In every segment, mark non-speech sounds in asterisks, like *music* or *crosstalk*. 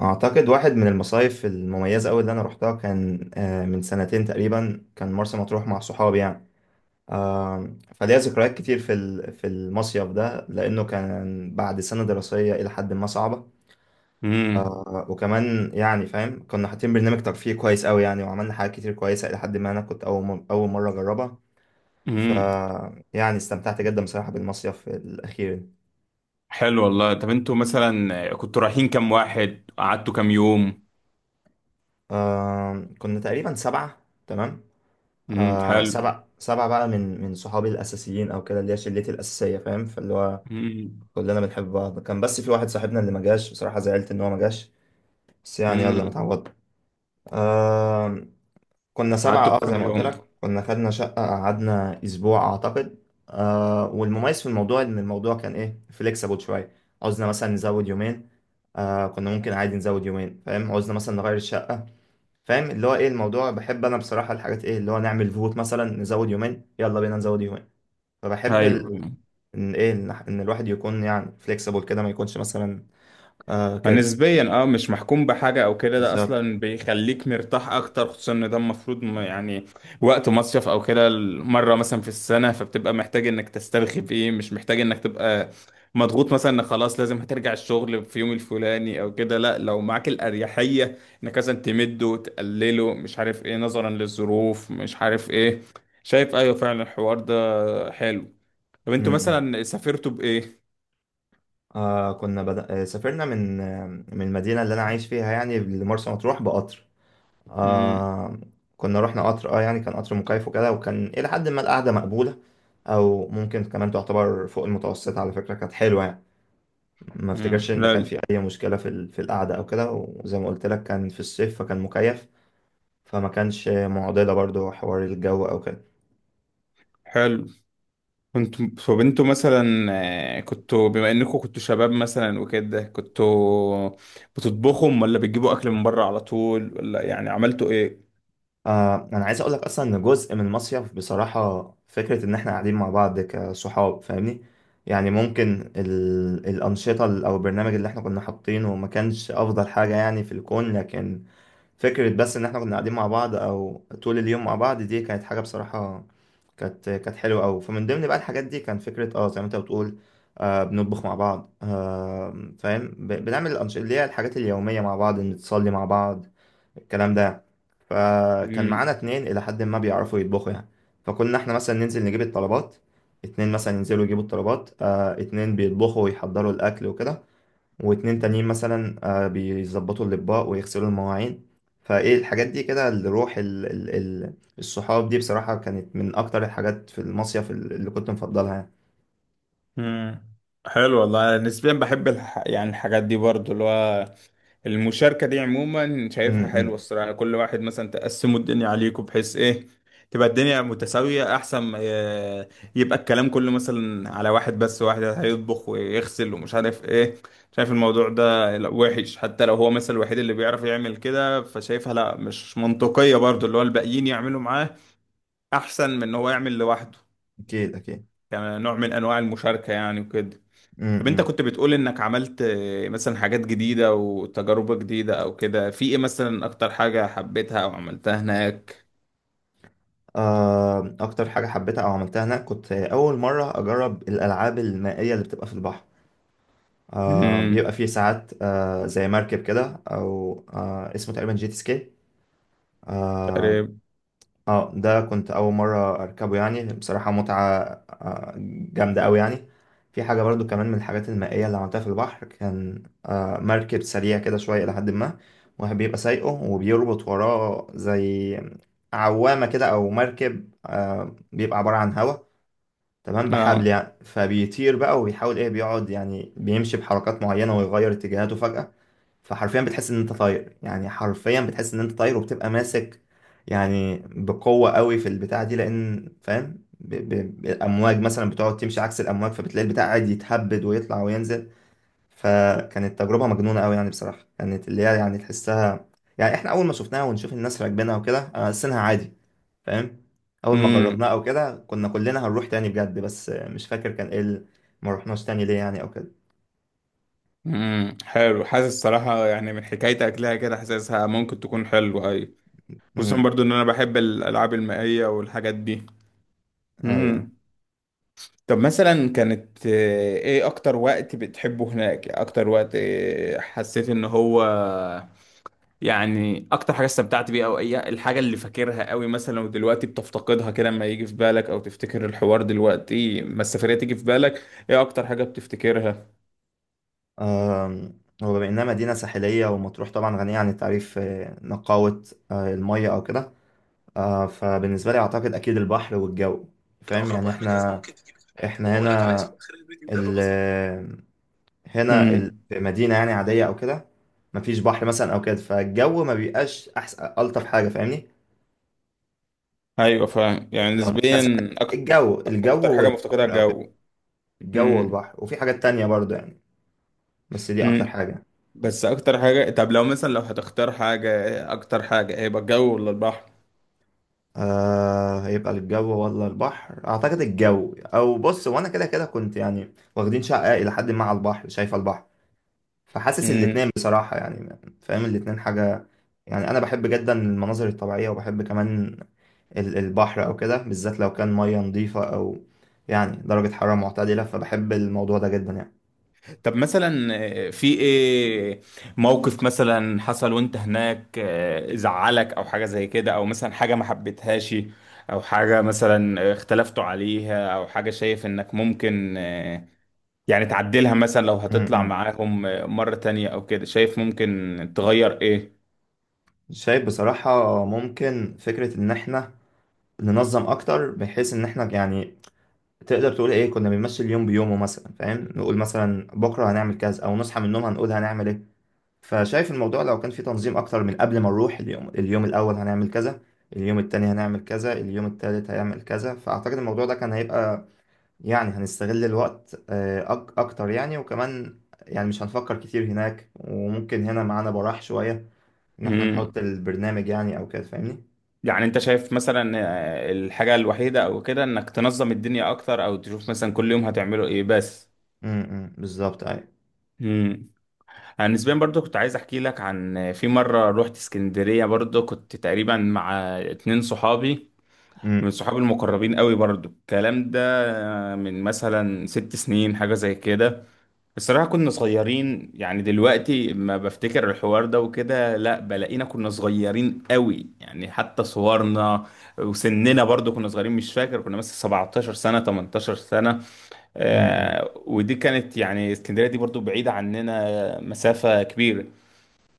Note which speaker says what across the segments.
Speaker 1: اعتقد واحد من المصايف المميزه قوي اللي انا روحتها كان من سنتين تقريبا كان مرسى مطروح مع صحابي يعني. فليا ذكريات كتير في المصيف ده لانه كان بعد سنه دراسيه الى حد ما صعبه.
Speaker 2: امم.
Speaker 1: وكمان يعني فاهم كنا حاطين برنامج ترفيهي كويس قوي يعني، وعملنا حاجات كتير كويسه الى حد ما، انا كنت اول مره اجربها. ف
Speaker 2: امم.
Speaker 1: يعني استمتعت جدا بصراحه بالمصيف الاخير.
Speaker 2: حلو والله. طب انتوا مثلا كنتوا رايحين كام واحد؟ قعدتوا كام يوم؟
Speaker 1: كنا تقريبا 7. تمام.
Speaker 2: امم. حلو.
Speaker 1: سبع بقى من صحابي الاساسيين او كده، اللي هي شلتي الاساسيه، فاهم؟ فاللي هو
Speaker 2: امم.
Speaker 1: كلنا بنحب بعض. كان بس في واحد صاحبنا اللي ما جاش، بصراحه زعلت ان هو ما جاش. بس يعني يلا،
Speaker 2: امم.
Speaker 1: متعوض. آه كنا 7،
Speaker 2: قعدتوا
Speaker 1: زي
Speaker 2: كام
Speaker 1: ما قلت
Speaker 2: يوم؟
Speaker 1: لك كنا خدنا شقه، قعدنا اسبوع اعتقد. والمميز في الموضوع ان الموضوع كان ايه، فليكسبل شويه. عاوزنا مثلا نزود يومين، كنا ممكن عادي نزود يومين، فاهم؟ عاوزنا مثلا نغير الشقه، فاهم؟ اللي هو ايه الموضوع. بحب انا بصراحه الحاجات، ايه اللي هو نعمل فوت، مثلا نزود يومين يلا بينا نزود يومين. فبحب
Speaker 2: ايوه،
Speaker 1: ان ايه إن الواحد يكون يعني فليكسيبل كده، ما يكونش مثلا كده.
Speaker 2: فنسبيا مش محكوم بحاجة او كده. ده
Speaker 1: بالظبط.
Speaker 2: اصلا بيخليك مرتاح اكتر، خصوصا ان ده المفروض يعني وقت مصيف او كده، مرة مثلا في السنة، فبتبقى محتاج انك تسترخي فيه، مش محتاج انك تبقى مضغوط مثلا انك خلاص لازم هترجع الشغل في يوم الفلاني او كده. لا، لو معاك الاريحية انك مثلا تمده، تقلله، مش عارف ايه، نظرا للظروف، مش عارف ايه. شايف؟ ايوه فعلا، الحوار ده حلو. طب
Speaker 1: م-
Speaker 2: انتوا
Speaker 1: م.
Speaker 2: مثلا سافرتوا بايه؟
Speaker 1: آه كنا بدأ... آه سافرنا من المدينه اللي انا عايش فيها يعني، لمرسى مطروح بقطر.
Speaker 2: امم.
Speaker 1: آه كنا رحنا قطر، يعني كان قطر مكيف وكده، وكان الى حد ما القعده مقبوله، او ممكن كمان تعتبر فوق المتوسط. على فكره كانت حلوه يعني. ما افتكرش ان كان
Speaker 2: لا.
Speaker 1: في اي مشكله في القعده او كده، وزي ما قلت لك كان في الصيف فكان مكيف، فما كانش معضله برضو حوار الجو او كده.
Speaker 2: حلو. كنت فبنتوا مثلا. كنتوا بما انكم كنتوا شباب مثلا وكده، كنتوا بتطبخهم ولا بتجيبوا اكل من بره على طول، ولا يعني عملتوا ايه؟
Speaker 1: انا عايز اقول لك اصلا ان جزء من المصيف بصراحه فكره ان احنا قاعدين مع بعض كصحاب، فاهمني؟ يعني ممكن الانشطه او البرنامج اللي احنا كنا حاطينه ما كانش افضل حاجه يعني في الكون، لكن فكرة بس إن إحنا كنا قاعدين مع بعض، أو طول اليوم مع بعض، دي كانت حاجة بصراحة كانت حلوة أوي. فمن ضمن بقى الحاجات دي كان فكرة زي ما أنت بتقول بنطبخ مع بعض، فاهم، بنعمل الأنشطة اللي هي الحاجات اليومية مع بعض، نتصلي مع بعض، الكلام ده. فكان معانا
Speaker 2: امم.
Speaker 1: اتنين إلى حد ما بيعرفوا يطبخوا يعني. فكنا إحنا مثلا ننزل نجيب الطلبات، اتنين مثلا ينزلوا يجيبوا الطلبات، اتنين بيطبخوا ويحضروا الأكل وكده، واتنين تانيين مثلا بيظبطوا الأطباق ويغسلوا المواعين. فايه الحاجات دي كده، الروح الصحاب دي بصراحة كانت من أكتر الحاجات في المصيف اللي كنت مفضلها يعني.
Speaker 2: امم. حلو والله. أنا نسبيا بحب يعني الحاجات دي برضو، اللي هو المشاركة دي عموما شايفها حلوة
Speaker 1: إمم.
Speaker 2: الصراحة. كل واحد مثلا تقسموا الدنيا عليكم بحيث ايه تبقى الدنيا متساوية، أحسن ما يبقى الكلام كله مثلا على واحد بس، واحد هيطبخ ويغسل ومش عارف ايه. شايف الموضوع ده؟ لا، وحش. حتى لو هو مثلا الوحيد اللي بيعرف يعمل كده، فشايفها لا مش منطقية برضو، اللي هو الباقيين يعملوا معاه أحسن من إن هو يعمل لوحده.
Speaker 1: أكيد أكيد.
Speaker 2: يعني نوع من أنواع المشاركة يعني وكده. طب انت
Speaker 1: إمم.
Speaker 2: كنت بتقول انك عملت مثلا حاجات جديدة وتجربة جديدة او كده، في ايه مثلا اكتر حاجة حبيتها او عملتها هناك؟
Speaker 1: أكتر حاجة حبيتها أو عملتها هناك، كنت أول مرة أجرب الألعاب المائية اللي بتبقى في البحر.
Speaker 2: امم.
Speaker 1: بيبقى فيه ساعات، زي مركب كده، أو اسمه تقريبا جيت سكي.
Speaker 2: تقريبا.
Speaker 1: اه ده كنت اول مره اركبه يعني، بصراحه متعه آه، جامده قوي يعني. في حاجه برضو كمان من الحاجات المائيه اللي عملتها في البحر، كان مركب سريع كده شويه، لحد ما واحد بيبقى سايقه وبيربط وراه زي عوامه كده، او مركب بيبقى عباره عن هوا، تمام بحبل
Speaker 2: اه.
Speaker 1: يعني. فبيطير بقى وبيحاول ايه بيقعد يعني بيمشي بحركات معينه ويغير اتجاهاته فجاه، فحرفيا بتحس ان انت طاير، يعني حرفيا بتحس ان انت طاير، وبتبقى ماسك يعني بقوة قوي في البتاع دي، لان فاهم الامواج مثلا بتقعد تمشي عكس الامواج، فبتلاقي البتاع قاعد يتهبد ويطلع وينزل. فكانت تجربة مجنونة قوي يعني، بصراحة كانت اللي هي يعني تحسها. يعني احنا اول ما شفناها ونشوف الناس راكبينها وكده، انا حاسينها عادي، فاهم؟ اول ما جربناها
Speaker 2: امم.
Speaker 1: او كده كنا كلنا هنروح تاني بجد، بس مش فاكر كان ايه ما رحناش تاني ليه يعني او كده.
Speaker 2: امم. حلو. حاسس صراحة، يعني من حكايتك لها كده، حاسسها ممكن تكون حلوة. اي، خصوصا
Speaker 1: امم.
Speaker 2: برضو ان انا بحب الالعاب المائية والحاجات دي.
Speaker 1: ايوه.
Speaker 2: امم. طب مثلا كانت ايه اكتر وقت بتحبه هناك؟ اكتر وقت حسيت ان هو يعني اكتر حاجه استمتعت بيها، او اي الحاجه اللي فاكرها قوي مثلا ودلوقتي بتفتقدها كده، لما يجي في بالك او تفتكر الحوار دلوقتي، ما السفريه تيجي في بالك، ايه اكتر حاجه بتفتكرها؟
Speaker 1: وبما إنها مدينة ساحلية، ومطروح طبعا غنية عن التعريف، نقاوة المية أو كده، فبالنسبة لي أعتقد أكيد البحر والجو، فاهم؟
Speaker 2: اقرب
Speaker 1: يعني
Speaker 2: واهم جهاز
Speaker 1: إحنا
Speaker 2: ممكن تجيبه في حياتك،
Speaker 1: إحنا
Speaker 2: وهقول لك على
Speaker 1: هنا،
Speaker 2: اسمه اخر الفيديو ده
Speaker 1: ال
Speaker 2: ببساطه. امم.
Speaker 1: في مدينة يعني عادية أو كده، مفيش بحر مثلا أو كده، فالجو ما بيبقاش أحسن ألطف حاجة، فاهمني؟
Speaker 2: ايوه، فاهم. يعني
Speaker 1: لو مدينة
Speaker 2: نسبيا
Speaker 1: ساحلية
Speaker 2: أكتر
Speaker 1: الجو
Speaker 2: اكتر حاجه
Speaker 1: والبحر
Speaker 2: مفتقدها
Speaker 1: أو كده،
Speaker 2: الجو.
Speaker 1: الجو
Speaker 2: امم.
Speaker 1: والبحر. وفي حاجات تانية برضو يعني، بس دي أكتر
Speaker 2: امم.
Speaker 1: حاجة.
Speaker 2: بس اكتر حاجه. طب لو مثلا لو هتختار حاجه، إيه اكتر حاجه هيبقى، الجو ولا البحر؟
Speaker 1: هيبقى الجو ولا البحر، اعتقد الجو. او بص، وانا كده كده كنت يعني واخدين شقة الى حد ما على البحر، شايف البحر، فحاسس الاتنين بصراحة يعني، فاهم الاتنين حاجة. يعني انا بحب جدا المناظر الطبيعية، وبحب كمان البحر او كده، بالذات لو كان مية نظيفة، او يعني درجة حرارة معتدلة، فبحب الموضوع ده جدا يعني.
Speaker 2: طب مثلا في ايه موقف مثلا حصل وانت هناك زعلك او حاجة زي كده، او مثلا حاجة ما حبيتهاش، او حاجة مثلا اختلفتوا عليها، او حاجة شايف انك ممكن يعني تعدلها مثلا لو
Speaker 1: م-
Speaker 2: هتطلع
Speaker 1: م.
Speaker 2: معاهم مرة تانية او كده، شايف ممكن تغير ايه؟
Speaker 1: شايف بصراحة ممكن فكرة ان احنا ننظم اكتر، بحيث ان احنا يعني تقدر تقول ايه كنا بنمثل يوم بيومه مثلا، فاهم؟ نقول مثلا بكره هنعمل كذا، او نصحى من النوم هنقول هنعمل ايه. فشايف الموضوع لو كان في تنظيم اكتر من قبل ما نروح، اليوم الاول هنعمل كذا، اليوم التاني هنعمل كذا، اليوم التالت هيعمل كذا. فاعتقد الموضوع ده كان هيبقى يعني هنستغل الوقت آه، أك اكتر يعني. وكمان يعني مش هنفكر كتير هناك، وممكن هنا معانا براح شويه ان احنا
Speaker 2: مم.
Speaker 1: نحط البرنامج يعني او كده، فاهمني؟
Speaker 2: يعني انت شايف مثلا الحاجة الوحيدة او كده انك تنظم الدنيا اكتر، او تشوف مثلا كل يوم هتعمله ايه بس؟
Speaker 1: امم، بالظبط، ايوه.
Speaker 2: مم. انا نسبيا برضو كنت عايز احكي لك عن في مره روحت اسكندريه برضو، كنت تقريبا مع اتنين صحابي، من
Speaker 1: امم.
Speaker 2: صحابي المقربين قوي برضو. الكلام ده من مثلا ست سنين، حاجه زي كده. الصراحه كنا صغيرين، يعني دلوقتي ما بفتكر الحوار ده وكده، لا بلاقينا كنا صغيرين قوي يعني، حتى صورنا وسننا برضو كنا صغيرين. مش فاكر، كنا مثلا 17 سنه 18 سنه. ودي كانت يعني اسكندريه، دي برضو بعيده عننا مسافه كبيره.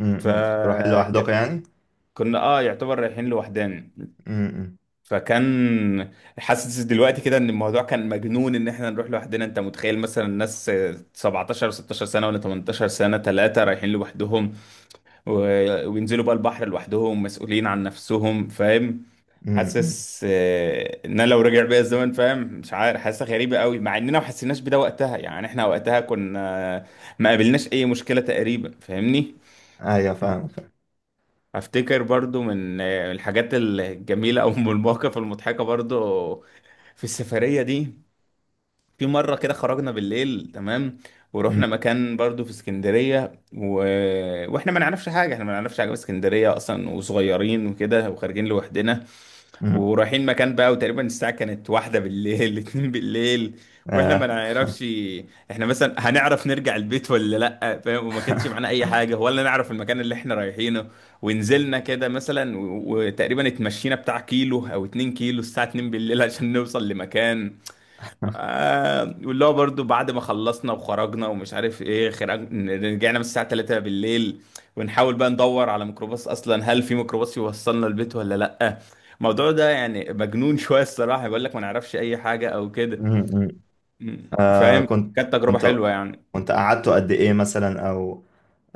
Speaker 1: امم، اقتراح حلو احداقي
Speaker 2: فكنا
Speaker 1: يعني.
Speaker 2: اه يعتبر رايحين لوحدنا.
Speaker 1: امم.
Speaker 2: فكان حاسس دلوقتي كده ان الموضوع كان مجنون، ان احنا نروح لوحدنا. انت متخيل مثلا ناس 17 16 سنه ولا 18 سنه، ثلاثه رايحين لوحدهم و... وينزلوا بقى البحر لوحدهم، مسؤولين عن نفسهم، فاهم؟
Speaker 1: امم،
Speaker 2: حاسس ان انا لو رجع بيا الزمن، فاهم، مش عارف، حاسه غريبه قوي، مع اننا ما حسيناش بده وقتها، يعني احنا وقتها كنا ما قابلناش اي مشكله تقريبا، فاهمني.
Speaker 1: ايوه، فاهم فاهم.
Speaker 2: افتكر برضو من الحاجات الجميله او *laughs* من المواقف المضحكه برضو في السفريه دي. في مره كده خرجنا بالليل تمام،
Speaker 1: أمم،
Speaker 2: ورحنا مكان برضو في اسكندريه واحنا ما نعرفش حاجه. احنا ما نعرفش حاجه في اسكندريه اصلا، وصغيرين وكده وخارجين لوحدنا.
Speaker 1: أمم.
Speaker 2: ورايحين مكان بقى، وتقريبا الساعة كانت واحدة بالليل *laughs* اتنين بالليل، واحنا ما
Speaker 1: آه.
Speaker 2: نعرفش احنا مثلا هنعرف نرجع البيت ولا لا، فاهم؟ وما كانش معانا اي حاجة، ولا نعرف المكان اللي احنا رايحينه. ونزلنا كده مثلا وتقريبا اتمشينا بتاع كيلو او اتنين كيلو الساعة اتنين بالليل عشان نوصل لمكان.
Speaker 1: *laughs*
Speaker 2: واللي هو برضه بعد ما خلصنا وخرجنا ومش عارف ايه خرج، رجعنا من الساعة 3 بالليل، ونحاول بقى ندور على ميكروباص، اصلا هل في ميكروباص يوصلنا البيت ولا لأ؟ الموضوع ده يعني مجنون *laughs* شوية الصراحة، بيقول لك ما نعرفش اي حاجة او كده.
Speaker 1: أمم، أمم.
Speaker 2: م.
Speaker 1: آه.
Speaker 2: فاهم.
Speaker 1: كنت
Speaker 2: كانت تجربة
Speaker 1: كنت
Speaker 2: حلوة يعني.
Speaker 1: كنت قعدتوا قد ايه مثلا، او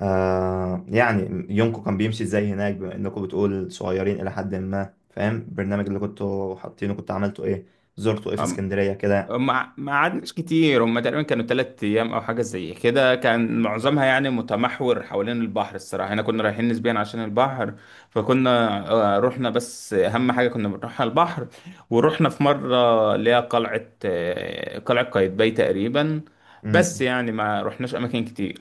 Speaker 1: آه، يعني يومكم كان بيمشي ازاي هناك؟ بما انكم بتقول صغيرين الى حد ما، فاهم؟ البرنامج اللي كنتوا حاطينه كنت عملتوا ايه؟ زرتوا ايه في اسكندرية؟
Speaker 2: ما قعدناش كتير. هم تقريبا كانوا تلات ايام او حاجه زي كده، كان معظمها يعني متمحور حوالين البحر. الصراحه احنا كنا رايحين نسبيا عشان البحر، فكنا رحنا بس اهم حاجه كنا بنروحها البحر. ورحنا في مره اللي هي قلعه قايتباي تقريبا. بس
Speaker 1: كده.
Speaker 2: يعني ما رحناش اماكن كتير.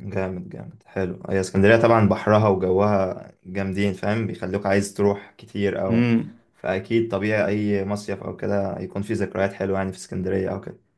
Speaker 1: جامد جامد، حلو. هي اسكندرية طبعا بحرها وجوها جامدين، فاهم بيخلوك عايز تروح كتير أو،
Speaker 2: مم.
Speaker 1: فأكيد طبيعي أي مصيف أو كده يكون في ذكريات حلوة يعني، في اسكندرية أو كده.